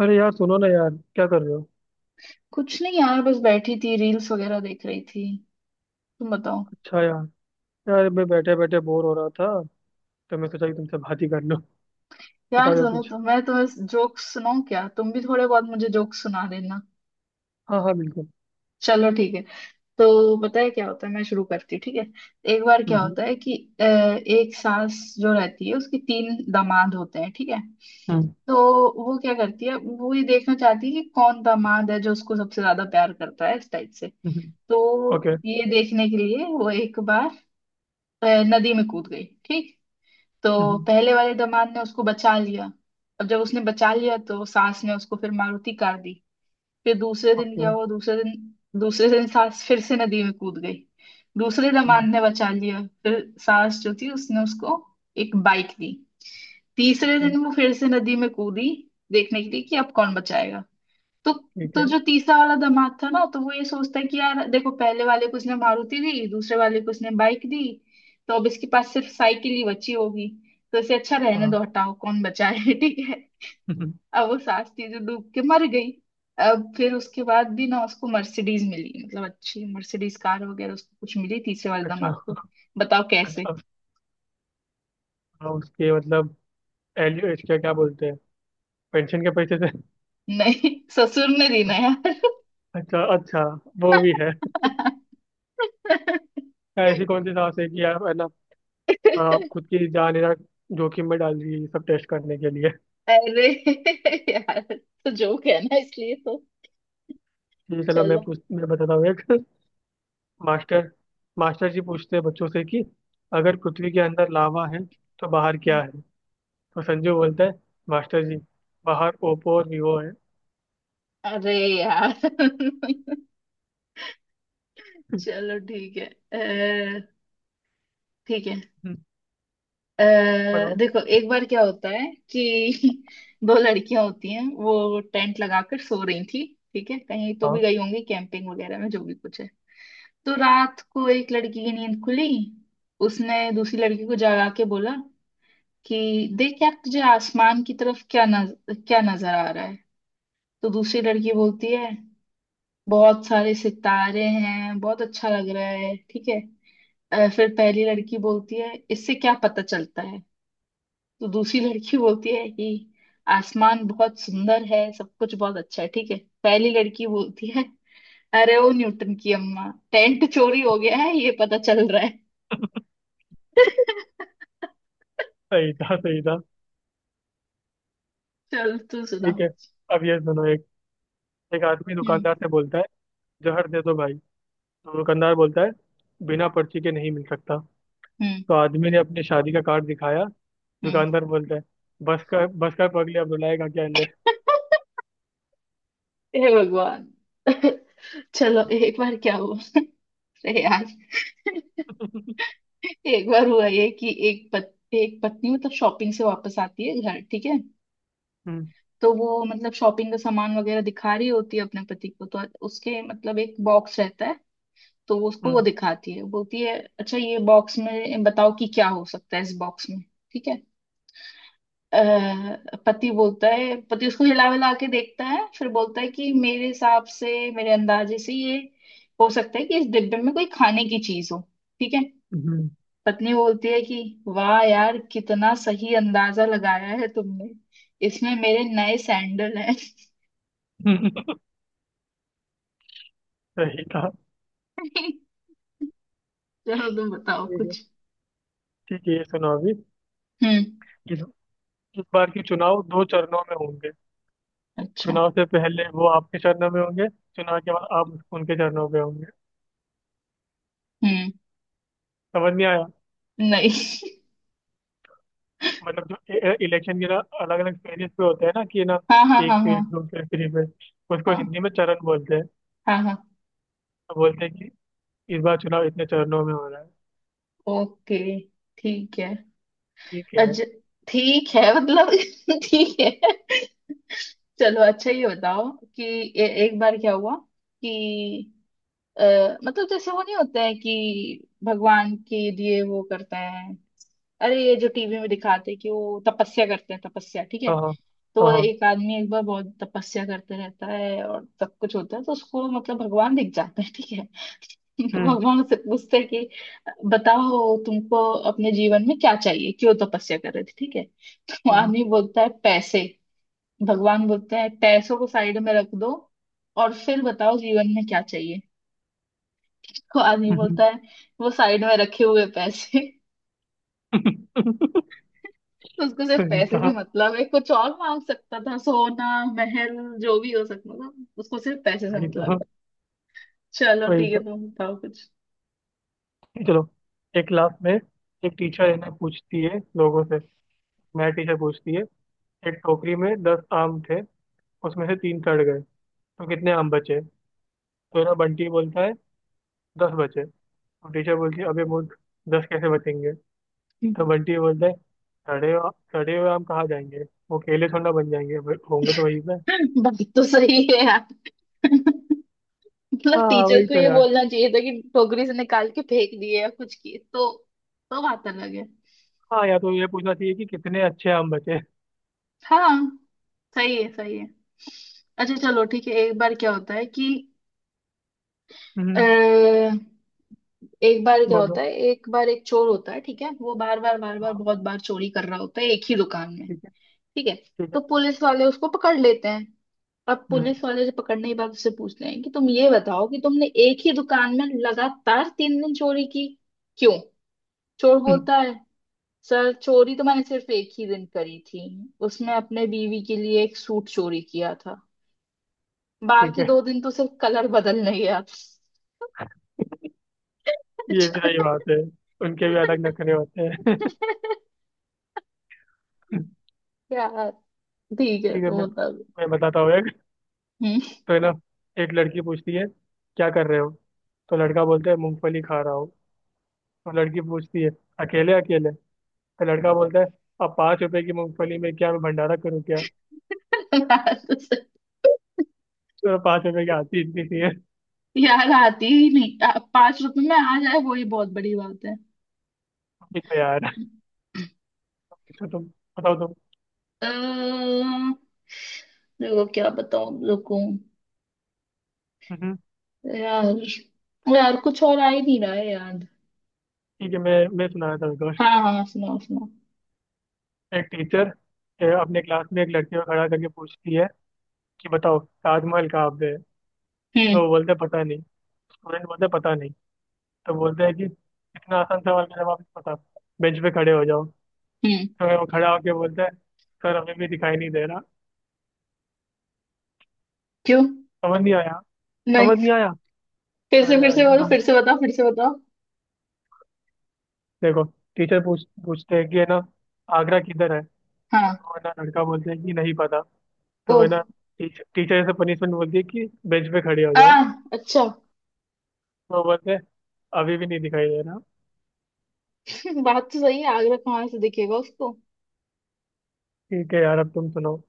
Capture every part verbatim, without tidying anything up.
अरे यार सुनो ना यार। क्या कर रहे हो? कुछ नहीं यार, बस बैठी थी, रील्स वगैरह देख रही थी। तुम बताओ। अच्छा यार। यार, मैं बैठे बैठे बोर हो रहा था तो मैं सोचा कि तुमसे बात ही कर लूं। बताओ यार यार सुनो, कुछ। तो मैं तुम्हें जोक्स सुनाऊं क्या? तुम भी थोड़े बहुत मुझे जोक्स सुना देना। हाँ, हाँ, बिल्कुल। चलो ठीक है। तो पता है क्या होता है, मैं शुरू करती हूँ, ठीक है। एक बार हम्म, क्या हम्म। होता है कि अ, एक सास जो रहती है, उसके तीन दामाद होते हैं, ठीक है। हम्म, तो वो क्या करती है, वो ये देखना चाहती है कि कौन दामाद है जो उसको सबसे ज्यादा प्यार करता है, इस टाइप से। हम्म। हम्म। तो ओके। ये देखने के लिए वो एक बार अ, नदी में कूद गई, ठीक। तो हम्म, हम्म। पहले वाले दामाद ने उसको बचा लिया। अब जब उसने बचा लिया तो सास ने उसको फिर मारुति कार दी। फिर दूसरे दिन ओके। क्या हुआ? दूसरे दिन, दूसरे दिन सास फिर से नदी में कूद गई। दूसरे दामाद हम्म। ने बचा लिया। फिर सास जो थी उसने उसको एक बाइक दी। तीसरे ओके। दिन वो फिर से नदी में कूदी, देखने के लिए कि अब कौन बचाएगा। तो ठीक तो है। जो तीसरा वाला दामाद था ना, तो वो ये सोचता है कि यार देखो, पहले वाले को उसने मारुति दी, दूसरे वाले को उसने बाइक दी। तो अब इसके पास सिर्फ साइकिल ही बची होगी। तो इसे अच्छा रहने हाँ। दो, हटाओ, कौन बचाए ठीक है। हम्म, हम्म। अब वो सास थी जो डूब के मर गई। अब फिर उसके बाद भी ना उसको मर्सिडीज मिली, मतलब अच्छी मर्सिडीज कार वगैरह उसको कुछ मिली, तीसरे वाले अच्छा, दामाद को। बताओ कैसे? अच्छा। हाँ, उसके मतलब। एलियो इसके क्या बोलते हैं? पेंशन के पैसे से। नहीं, ससुर ने दी ना यार। अच्छा, अच्छा। वो भी है। यार, ऐसी कौन सी सांस है कि आप है ना, आप खुद की जान है ना जोखिम में डाल रही है ये सब टेस्ट करने के लिए। अरे यार, तो जोक है ना, इसलिए तो। ठीक है, चलो मैं चलो। पूछ मैं बताता हूँ एक। मास्टर मास्टर जी पूछते हैं बच्चों से कि अगर पृथ्वी के अंदर लावा है तो बाहर क्या है। तो संजू बोलता है, मास्टर जी, बाहर ओप्पो और वीवो है। अरे यार। चलो ठीक है। अ, ठीक है। अ, बताओ। देखो, एक बार क्या होता है कि दो लड़कियां होती हैं, वो टेंट लगाकर सो रही थी, ठीक है। कहीं तो भी हाँ। गई होंगी कैंपिंग वगैरह में, जो भी कुछ है। तो रात को एक लड़की की नींद खुली। उसने दूसरी लड़की को जगा के बोला कि देख यार, तुझे आसमान की तरफ क्या नज क्या नजर आ रहा है? तो दूसरी लड़की बोलती है, बहुत सारे सितारे हैं, बहुत अच्छा लग रहा है, ठीक है। अ, फिर पहली लड़की बोलती है, इससे क्या पता चलता है? तो दूसरी लड़की बोलती है कि आसमान बहुत सुंदर है, सब कुछ बहुत अच्छा है, ठीक है। पहली लड़की बोलती है, अरे वो न्यूटन की अम्मा, टेंट चोरी हो गया है, ये पता चल रहा है। सही था, सही था। चल, तू सुना। ठीक है, अब ये सुनो एक। एक आदमी हम्म, दुकानदार से बोलता है, जहर दे दो भाई। तो दुकानदार बोलता है, बिना पर्ची के नहीं मिल सकता। हम्म, तो आदमी ने अपनी शादी का कार्ड दिखाया। हम्म। दुकानदार बोलता है, बस का बस का पगले, अब रुलाएगा क्या? ले। हे भगवान। चलो, एक बार क्या हुआ। अरे यार। एक बार हुआ ये कि एक पत, एक पत्नी मतलब शॉपिंग से वापस आती है घर, ठीक है। हम्म, तो वो मतलब शॉपिंग का सामान वगैरह दिखा रही होती है अपने पति को। तो उसके मतलब एक बॉक्स रहता है। तो वो उसको वो हम्म, दिखाती है, बोलती है अच्छा ये बॉक्स में बताओ कि क्या हो सकता है इस बॉक्स में, ठीक है। अह, पति बोलता है, पति उसको हिला हिला के देखता है, फिर बोलता है कि मेरे हिसाब से, मेरे अंदाजे से ये हो सकता है कि इस डिब्बे में कोई खाने की चीज हो, ठीक है। हम्म। पत्नी बोलती है कि वाह यार, कितना सही अंदाजा लगाया है तुमने। इसमें मेरे नए सैंडल हैं। सही था। चलो, तुम बताओ कुछ। ठीक है, ये सुनो अभी। हम्म। इस, इस बार के चुनाव दो चरणों में होंगे। अच्छा। चुनाव से पहले वो आपके चरणों में होंगे, चुनाव के बाद आप उनके चरणों में होंगे। हम्म। समझ नहीं आया? नहीं। मतलब जो इलेक्शन के ना अलग अलग फेजेस पे होते हैं ना, कि ना हाँ, हाँ, एक हाँ, हाँ, फेज, दो फेज, थ्री फेज, उसको हाँ, हिंदी में चरण बोलते हैं। हाँ, हाँ। तो बोलते हैं कि इस बार चुनाव इतने चरणों में हो रहा है। ओके, ठीक है। ठीक है। अच्छा, ठीक है, मतलब ठीक है। चलो, अच्छा ये बताओ कि ए, एक बार क्या हुआ कि अ, मतलब जैसे वो नहीं होता है कि भगवान के लिए वो करते हैं। अरे ये जो टीवी में दिखाते हैं कि वो तपस्या करते हैं, तपस्या, ठीक है। हाँ, हाँ, हाँ, तो हाँ। एक आदमी एक बार बहुत तपस्या करते रहता है और सब कुछ होता है, तो उसको मतलब भगवान दिख जाते हैं, ठीक है। तो हम्म, भगवान उससे पूछते हैं कि बताओ तुमको अपने जीवन में क्या चाहिए, क्यों तपस्या कर रहे थे, ठीक है। तो हम्म। आदमी बोलता है, पैसे। भगवान बोलते हैं पैसों को साइड में रख दो और फिर बताओ जीवन में क्या चाहिए। तो आदमी हम्म। बोलता है, वो साइड में रखे हुए पैसे। तो उसको सिर्फ सही पैसे से था। मतलब है। कुछ और मांग सकता था, सोना, महल, जो भी हो सकता था। उसको सिर्फ पैसे से वही तो। मतलब है। चलो वही ठीक है, तो। तुम बताओ कुछ। चलो, एक क्लास में एक टीचर इन्हें पूछती है लोगों से, मैथ टीचर पूछती है, एक टोकरी में दस आम थे, उसमें से तीन सड़ गए, तो कितने आम बचे? तो ना बंटी बोलता है दस बचे। तो टीचर बोलती है, अबे मूर्ख, दस कैसे बचेंगे? तो बंटी बोलता है, सड़े हुए- सड़े हुए आम कहाँ जाएंगे? वो केले थोड़ा बन जाएंगे? वे- होंगे तो वही पे। बात तो सही है यार, मतलब हाँ टीचर वही को तो ये यार। बोलना चाहिए था कि टोकरी से निकाल के फेंक दिए या कुछ किए तो तो बात अलग है। हाँ, या तो ये पूछना चाहिए कि कितने अच्छे आम बचे। हाँ, सही है, सही है। अच्छा चलो ठीक है, एक बार क्या होता है कि अ, हम्म। एक बार क्या बोलो। होता है, एक बार एक चोर होता है, ठीक है। वो बार बार बार बार, हाँ। बहुत बार चोरी कर रहा होता है एक ही दुकान में, ठीक है। ठीक है। ठीक तो है। पुलिस वाले उसको पकड़ लेते हैं। अब हम्म, पुलिस वाले से पकड़ने के बाद उससे पूछते हैं कि तुम ये बताओ कि तुमने एक ही दुकान में लगातार तीन दिन चोरी की, क्यों? चोर हम्म। बोलता है, सर चोरी तो मैंने सिर्फ एक ही दिन करी थी। उसमें अपने बीवी के लिए एक सूट चोरी किया था। ठीक बाकी है, दो दिन तो सिर्फ कलर बदलने गया था। ये भी सही बात है। उनके भी अलग नखरे होते हैं। यार, ठीक है, ठीक है, तो मैं मतलब। मैं बताता हूँ एक। हम्म। तो है ना, एक लड़की पूछती है, क्या कर रहे हो? तो लड़का बोलता है, मूंगफली खा रहा हूँ। तो लड़की पूछती है, अकेले अकेले? तो लड़का बोलता है, अब पाँच रुपए की मूंगफली में क्या मैं भंडारा करूँ क्या? तो पाँच रुपए की आती इतनी सी है। यार आती ही नहीं, पांच रुपए में आ जाए वही बहुत बड़ी बात ठीक है यार। है। अच्छा तुम, बताओ तुम। अम्म, देखो क्या बताऊं, रुको हम्म। यार। यार कुछ और आ ही नहीं रहा है याद। ठीक है, मैं मैं सुना रहा था दोस्त। हाँ, हाँ, सुनाओ, सुनाओ। एक टीचर अपने क्लास में एक लड़की को खड़ा करके पूछती है कि बताओ ताजमहल कहाँ पे है। हम्म, तो वो बोलते हैं पता नहीं। स्टूडेंट बोलते हैं पता नहीं। तो बोलते हैं कि इतना आसान सवाल का जवाब नहीं पता, बेंच पे खड़े हो जाओ। हम्म। तो वो खड़ा होके बोलता है, सर हमें भी दिखाई नहीं दे रहा। क्यों? समझ नहीं आया? समझ नहीं। नहीं आया। फिर से, अरे फिर यार, से ये बोलो, ना हम्म, फिर से बताओ, फिर से बताओ। देखो, टीचर पूछ पूछते हैं कि है ना आगरा किधर है। तो हाँ। वो है ना लड़का बोलता है कि नहीं पता। ओ। तो है ना टीचर टीचर से पनिशमेंट बोलती है कि बेंच पे खड़े हो आ। जाओ। अच्छा। तो वो बोलते हैं अभी भी नहीं दिखाई दे रहा। बात तो सही है, आगरा कहाँ से दिखेगा उसको। ठीक है यार, अब तुम सुनाओ।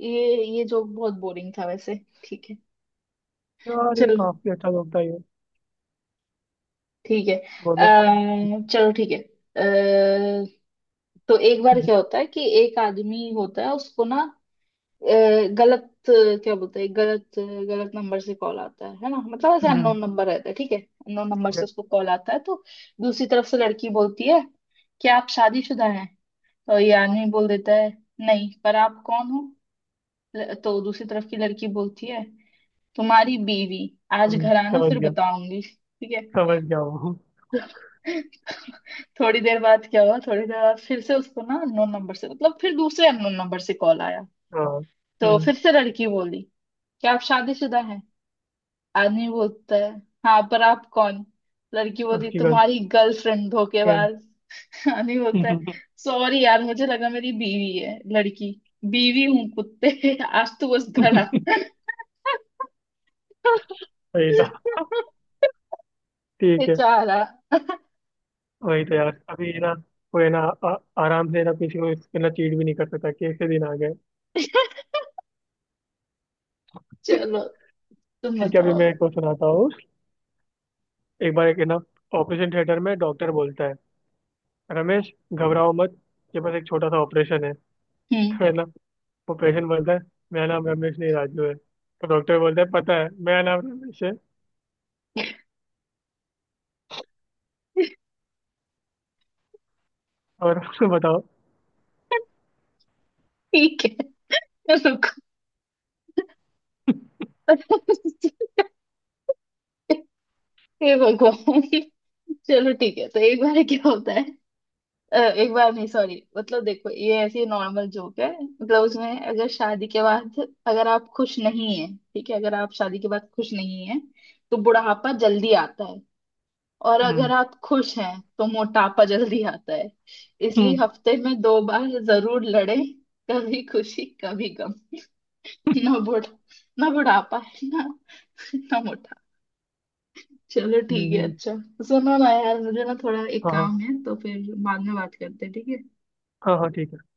ये ये जोक बहुत बोरिंग था वैसे, ठीक है। यार ये चलो काफी अच्छा लगता है ये। ठीक है। बोलो। अम्म, चलो ठीक है। अ, तो एक बार हम्म, क्या होता है कि एक आदमी होता है, उसको ना अ, गलत क्या बोलते हैं, गलत, गलत नंबर से कॉल आता है है ना, मतलब ऐसे हम्म, अननोन नंबर रहता है, ठीक है। अननोन नंबर से okay, उसको कॉल आता है। तो दूसरी तरफ से लड़की बोलती है कि आप शादीशुदा हैं? तो ये आदमी बोल देता है, नहीं, पर आप कौन हो? ल- तो दूसरी तरफ की लड़की बोलती है, तुम्हारी बीवी। आज हम्म। घर आना, समझ फिर गया। बताऊंगी, ठीक है। समझ गया वो। थोड़ी देर बाद क्या हुआ? थोड़ी देर बाद फिर से उसको ना अननोन नंबर से, मतलब फिर दूसरे अननोन नंबर से कॉल आया। हाँ। तो हम्म। फिर से लड़की बोली, क्या आप शादीशुदा हैं? आदमी बोलता है, हाँ, पर आप कौन? लड़की बोलती, उसकी तुम्हारी गलती गर्लफ्रेंड, है। धोखेबाज। आदमी बोलता है, सॉरी यार, मुझे लगा मेरी बीवी है। लड़की, बीवी हूँ कुत्ते आज तो बस घर आ। सही था। ठीक है। बेचारा। वही तो यार। अभी ना कोई ना आ, आराम से ना किसी को इसके ना चीट भी नहीं कर सकता। कैसे दिन आ गए। चलो, तुम ठीक है, अभी बताओ। मैं एक को सुनाता हूँ। एक बार, एक है ना, ऑपरेशन थिएटर में डॉक्टर बोलता है, रमेश घबराओ मत, ये बस एक छोटा सा ऑपरेशन है। हम्म। तो है ना वो पेशेंट बोलता है, मेरा नाम रमेश नहीं राजू है। तो डॉक्टर बोलता है, पता है, मेरा नाम रमेश है। और बताओ। ठीक है, रुको। हे भगवान। चलो ठीक है, तो एक बार क्या होता है, अ, एक बार नहीं, सॉरी, मतलब देखो ये ऐसी नॉर्मल जोक है, मतलब उसमें अगर शादी के बाद, अगर आप खुश नहीं हैं, ठीक है। अगर आप शादी के बाद खुश नहीं हैं, तो बुढ़ापा जल्दी आता है। और अगर हम्म, आप खुश हैं तो मोटापा जल्दी आता है। इसलिए हम्म, हफ्ते में दो बार जरूर लड़े। कभी खुशी, कभी गम। ना बुढ़ा ना बुढ़ापा, है ना, ना मोटा। चलो हम्म। ठीक है। हम्म। अच्छा। सुनो ना यार, मुझे ना थोड़ा एक हाँ, हाँ। काम है तो फिर बाद में बात करते हैं, ठीक है। हाँ, हाँ, ठीक है।